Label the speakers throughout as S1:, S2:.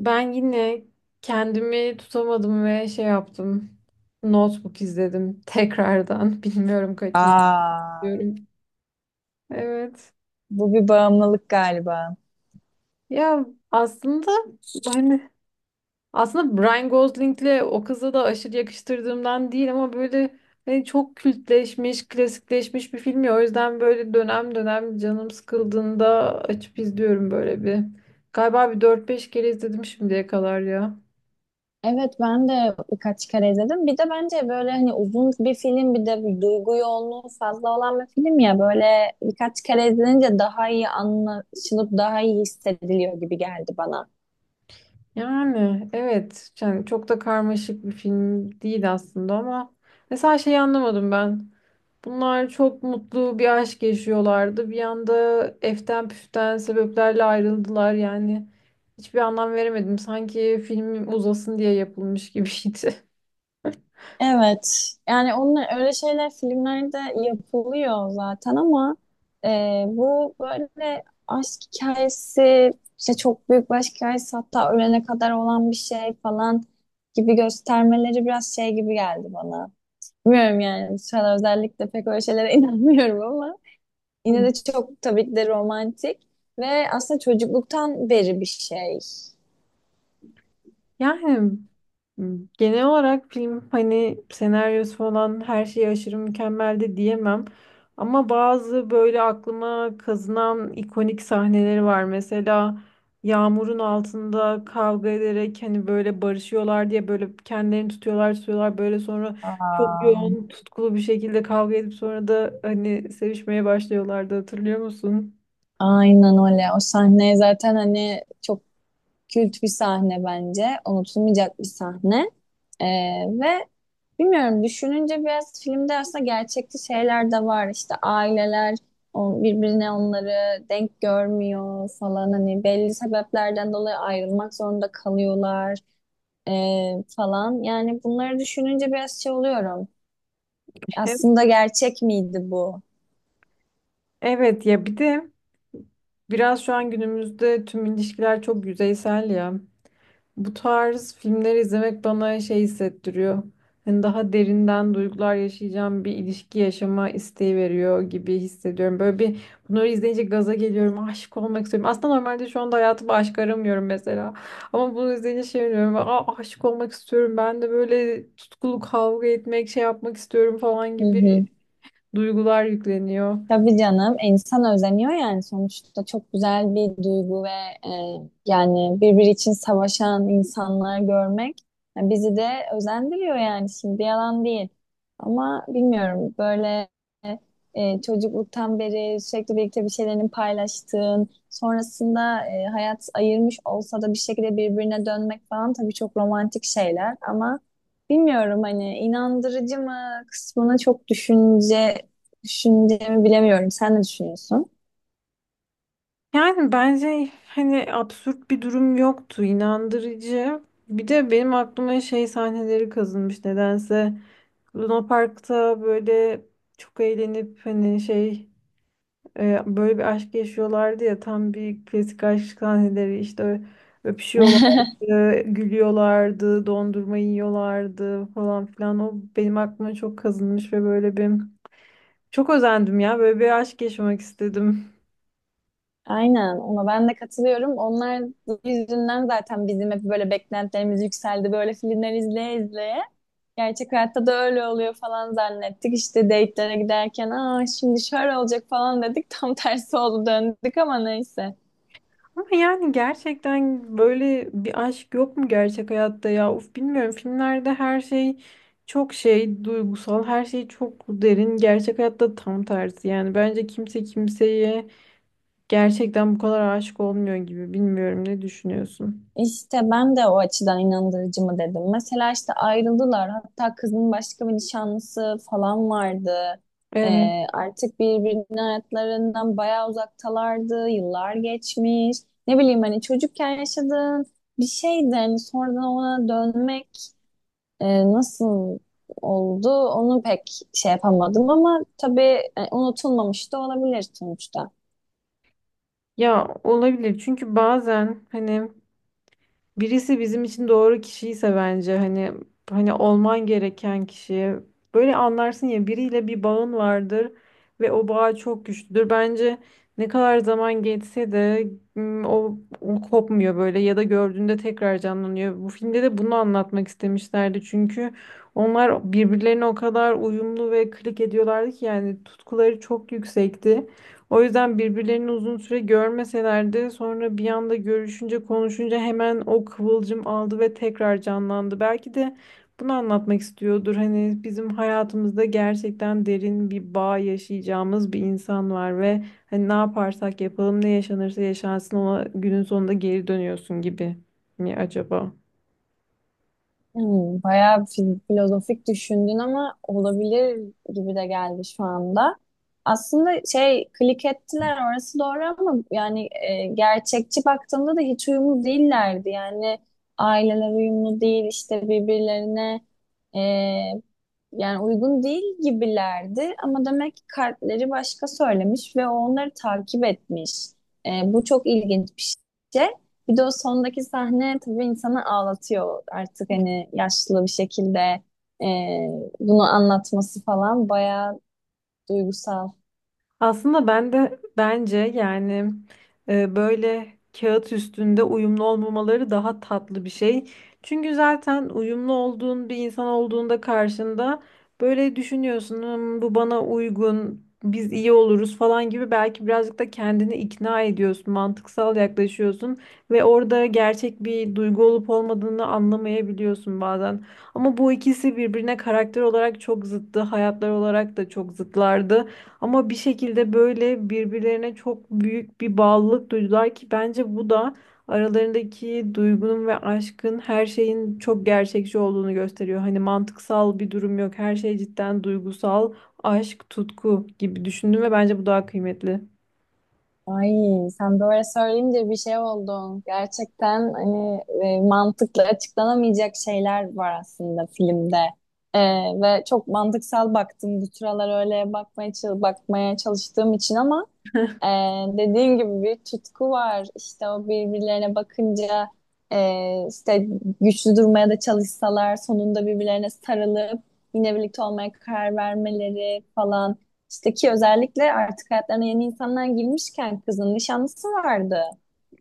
S1: Ben yine kendimi tutamadım ve şey yaptım. Notebook izledim tekrardan. Bilmiyorum kaçıncı
S2: Aa,
S1: diyorum. Evet.
S2: bu bir bağımlılık galiba.
S1: Ya aslında hani aslında Brian Gosling'le o kıza da aşırı yakıştırdığımdan değil ama böyle hani çok kültleşmiş, klasikleşmiş bir film ya. O yüzden böyle dönem dönem canım sıkıldığında açıp izliyorum böyle bir. Galiba bir dört beş kere izledim şimdiye kadar ya.
S2: Evet ben de birkaç kere izledim. Bir de bence böyle hani uzun bir film bir de bir duygu yoğunluğu fazla olan bir film ya böyle birkaç kere izlenince daha iyi anlaşılıp daha iyi hissediliyor gibi geldi bana.
S1: Yani evet yani çok da karmaşık bir film değil aslında ama mesela şeyi anlamadım ben. Bunlar çok mutlu bir aşk yaşıyorlardı. Bir anda eften püften sebeplerle ayrıldılar yani. Hiçbir anlam veremedim. Sanki film uzasın diye yapılmış gibiydi.
S2: Evet. Yani onlar öyle şeyler filmlerde yapılıyor zaten ama bu böyle aşk hikayesi işte çok büyük bir aşk hikayesi hatta ölene kadar olan bir şey falan gibi göstermeleri biraz şey gibi geldi bana. Bilmiyorum yani bu sıralar özellikle pek öyle şeylere inanmıyorum ama yine de çok tabii ki de romantik ve aslında çocukluktan beri bir şey.
S1: Yani genel olarak film hani senaryosu falan her şey aşırı mükemmel de diyemem. Ama bazı böyle aklıma kazınan ikonik sahneleri var. Mesela yağmurun altında kavga ederek hani böyle barışıyorlar diye böyle kendilerini tutuyorlar tutuyorlar böyle sonra çok
S2: Aa,
S1: yoğun tutkulu bir şekilde kavga edip sonra da hani sevişmeye başlıyorlardı, hatırlıyor musun?
S2: aynen öyle. O sahneye zaten hani çok kült bir sahne bence. Unutulmayacak bir sahne. Ee, ve bilmiyorum düşününce biraz filmde aslında gerçekçi şeyler de var. İşte aileler birbirine onları denk görmüyor falan. Hani belli sebeplerden dolayı ayrılmak zorunda kalıyorlar falan. Yani bunları düşününce biraz şey oluyorum. Aslında gerçek miydi bu?
S1: Evet ya, bir de biraz şu an günümüzde tüm ilişkiler çok yüzeysel ya. Bu tarz filmleri izlemek bana şey hissettiriyor. Hani daha derinden duygular yaşayacağım bir ilişki yaşama isteği veriyor gibi hissediyorum. Böyle bir Bunları izleyince gaza geliyorum. Aşık olmak istiyorum. Aslında normalde şu anda hayatımda aşk aramıyorum mesela. Ama bunu izleyince şey diyorum. Aa, aşık olmak istiyorum. Ben de böyle tutkulu kavga etmek, şey yapmak istiyorum falan
S2: Hı
S1: gibi
S2: hı.
S1: duygular yükleniyor.
S2: Tabii canım insan özeniyor yani sonuçta çok güzel bir duygu ve yani birbiri için savaşan insanları görmek yani bizi de özendiriyor yani şimdi yalan değil. Ama bilmiyorum böyle çocukluktan beri sürekli birlikte bir şeylerini paylaştığın sonrasında hayat ayırmış olsa da bir şekilde birbirine dönmek falan tabii çok romantik şeyler ama bilmiyorum hani inandırıcı mı kısmını çok düşünce düşüneceğimi bilemiyorum. Sen ne düşünüyorsun?
S1: Yani bence hani absürt bir durum yoktu, inandırıcı. Bir de benim aklıma şey sahneleri kazınmış nedense. Luna Park'ta böyle çok eğlenip hani böyle bir aşk yaşıyorlardı ya, tam bir klasik aşk sahneleri işte, öpüşüyorlardı, gülüyorlardı, dondurma yiyorlardı falan filan. O benim aklıma çok kazınmış ve böyle bir çok özendim ya, böyle bir aşk yaşamak istedim.
S2: Aynen ona ben de katılıyorum. Onlar yüzünden zaten bizim hep böyle beklentilerimiz yükseldi. Böyle filmler izleye izleye. Gerçek hayatta da öyle oluyor falan zannettik. İşte date'lere giderken aa şimdi şöyle olacak falan dedik. Tam tersi oldu döndük ama neyse.
S1: Ama yani gerçekten böyle bir aşk yok mu gerçek hayatta ya? Uf, bilmiyorum. Filmlerde her şey çok şey, duygusal, her şey çok derin. Gerçek hayatta tam tersi. Yani bence kimse kimseye gerçekten bu kadar aşık olmuyor gibi. Bilmiyorum, ne düşünüyorsun?
S2: İşte ben de o açıdan inandırıcı mı dedim. Mesela işte ayrıldılar. Hatta kızın başka bir nişanlısı falan vardı.
S1: Evet.
S2: Artık birbirinin hayatlarından bayağı uzaktalardı. Yıllar geçmiş. Ne bileyim hani çocukken yaşadığın bir şeydi. Hani sonradan ona dönmek e, nasıl oldu onu pek şey yapamadım ama tabii unutulmamış da olabilir sonuçta.
S1: Ya olabilir, çünkü bazen hani birisi bizim için doğru kişiyse, bence hani hani olman gereken kişi, böyle anlarsın ya, biriyle bir bağın vardır ve o bağ çok güçlüdür. Bence ne kadar zaman geçse de o kopmuyor böyle, ya da gördüğünde tekrar canlanıyor. Bu filmde de bunu anlatmak istemişlerdi çünkü onlar birbirlerine o kadar uyumlu ve klik ediyorlardı ki, yani tutkuları çok yüksekti. O yüzden birbirlerini uzun süre görmeseler de sonra bir anda görüşünce konuşunca hemen o kıvılcım aldı ve tekrar canlandı. Belki de bunu anlatmak istiyordur. Hani bizim hayatımızda gerçekten derin bir bağ yaşayacağımız bir insan var ve hani ne yaparsak yapalım, ne yaşanırsa yaşansın, ona günün sonunda geri dönüyorsun gibi mi acaba?
S2: Hmm, bayağı filozofik düşündün ama olabilir gibi de geldi şu anda. Aslında şey klik ettiler orası doğru ama yani gerçekçi baktığımda da hiç uyumlu değillerdi. Yani aileler uyumlu değil işte birbirlerine e, yani uygun değil gibilerdi. Ama demek ki kalpleri başka söylemiş ve onları takip etmiş. Bu çok ilginç bir şey. Bir de o sondaki sahne tabii insanı ağlatıyor artık hani yaşlı bir şekilde e, bunu anlatması falan bayağı duygusal.
S1: Aslında ben de bence yani böyle kağıt üstünde uyumlu olmamaları daha tatlı bir şey. Çünkü zaten uyumlu olduğun bir insan olduğunda karşında böyle düşünüyorsun, "Hmm, bu bana uygun, biz iyi oluruz" falan gibi, belki birazcık da kendini ikna ediyorsun, mantıksal yaklaşıyorsun ve orada gerçek bir duygu olup olmadığını anlamayabiliyorsun bazen. Ama bu ikisi birbirine karakter olarak çok zıttı, hayatlar olarak da çok zıtlardı. Ama bir şekilde böyle birbirlerine çok büyük bir bağlılık duydular ki, bence bu da aralarındaki duygunun ve aşkın, her şeyin çok gerçekçi olduğunu gösteriyor. Hani mantıksal bir durum yok. Her şey cidden duygusal, aşk, tutku gibi düşündüm ve bence bu daha kıymetli.
S2: Ay sen böyle söyleyince bir şey oldu. Gerçekten hani mantıkla açıklanamayacak şeyler var aslında filmde. E, Ve çok mantıksal baktım. Bu sıralar öyle bakmaya, bakmaya çalıştığım için ama Ee, dediğin gibi bir tutku var. İşte o birbirlerine bakınca işte güçlü durmaya da çalışsalar sonunda birbirlerine sarılıp yine birlikte olmaya karar vermeleri falan. İşte ki özellikle artık hayatlarına yeni insanlar girmişken kızın nişanlısı vardı.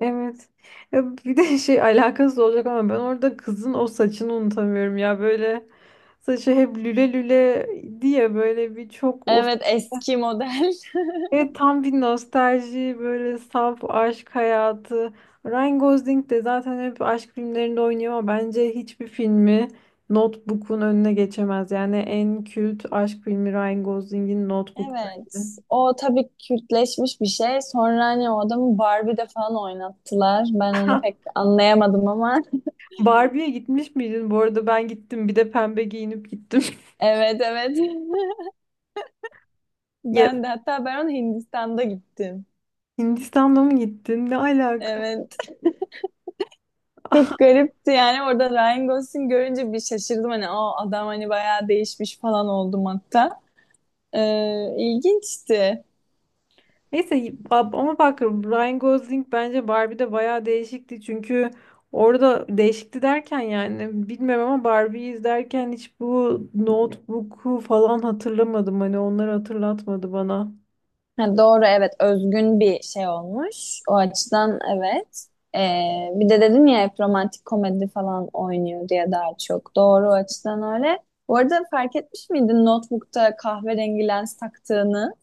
S1: Evet. Ya bir de şey, alakasız olacak ama ben orada kızın o saçını unutamıyorum ya, böyle saçı hep lüle lüle diye böyle bir, çok of.
S2: Evet, eski model.
S1: Evet, tam bir nostalji, böyle saf aşk hayatı. Ryan Gosling de zaten hep aşk filmlerinde oynuyor ama bence hiçbir filmi Notebook'un önüne geçemez. Yani en kült aşk filmi Ryan Gosling'in Notebook, bence.
S2: Evet. O tabii kültleşmiş bir şey. Sonra hani o adamı Barbie'de falan oynattılar. Ben onu pek anlayamadım ama.
S1: Barbie'ye gitmiş miydin? Bu arada ben gittim. Bir de pembe giyinip gittim.
S2: Evet, evet.
S1: Ya,
S2: Ben de hatta ben onu Hindistan'da gittim.
S1: Hindistan'da mı gittin? Ne alaka?
S2: Evet. Çok garipti yani orada Ryan Gosling görünce bir şaşırdım hani o adam hani bayağı değişmiş falan oldum hatta. İlginçti.
S1: Neyse, ama bak, Ryan Gosling bence Barbie'de bayağı değişikti. Çünkü orada değişikti derken, yani bilmem, ama Barbie'yi izlerken hiç bu Notebook'u falan hatırlamadım. Hani onları hatırlatmadı bana.
S2: Ha, doğru evet, özgün bir şey olmuş. O açıdan evet. Ee, bir de dedin ya hep romantik komedi falan oynuyor diye daha çok. Doğru, o açıdan öyle. Bu arada fark etmiş miydin Notebook'ta kahverengi lens taktığını?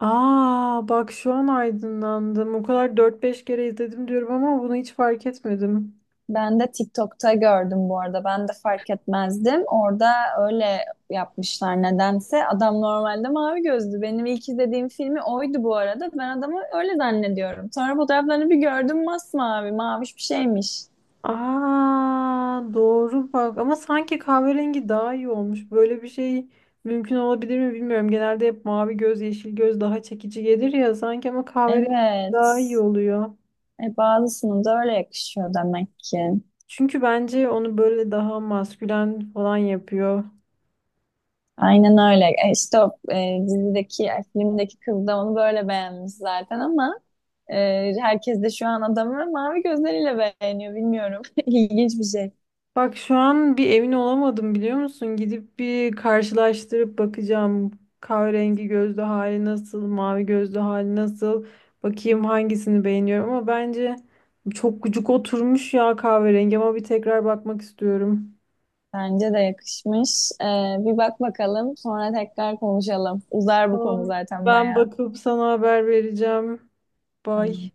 S1: Aa, bak şu an aydınlandım. O kadar dört beş kere izledim diyorum ama bunu hiç fark etmedim.
S2: Ben de TikTok'ta gördüm bu arada. Ben de fark etmezdim. Orada öyle yapmışlar nedense. Adam normalde mavi gözlü. Benim ilk izlediğim filmi oydu bu arada. Ben adamı öyle zannediyorum. Sonra fotoğraflarını bir gördüm masmavi, maviş bir şeymiş.
S1: Aa, doğru, bak, ama sanki kahverengi daha iyi olmuş. Böyle bir şey mümkün olabilir mi, bilmiyorum. Genelde hep mavi göz, yeşil göz daha çekici gelir ya sanki, ama kahverengi
S2: Evet.
S1: daha iyi oluyor.
S2: Bazısının da öyle yakışıyor demek ki.
S1: Çünkü bence onu böyle daha maskülen falan yapıyor.
S2: Aynen öyle. İşte o dizideki, filmdeki kız da onu böyle beğenmiş zaten ama e, herkes de şu an adamı mavi gözleriyle beğeniyor. Bilmiyorum. İlginç bir şey.
S1: Bak şu an bir emin olamadım, biliyor musun? Gidip bir karşılaştırıp bakacağım. Kahverengi gözlü hali nasıl, mavi gözlü hali nasıl? Bakayım hangisini beğeniyorum, ama bence çok gıcık oturmuş ya kahverengi, ama bir tekrar bakmak istiyorum.
S2: Bence de yakışmış. Bir bak bakalım, sonra tekrar konuşalım. Uzar bu konu
S1: Tamam.
S2: zaten
S1: Ben
S2: bayağı.
S1: bakıp sana haber vereceğim.
S2: Tamam.
S1: Bye.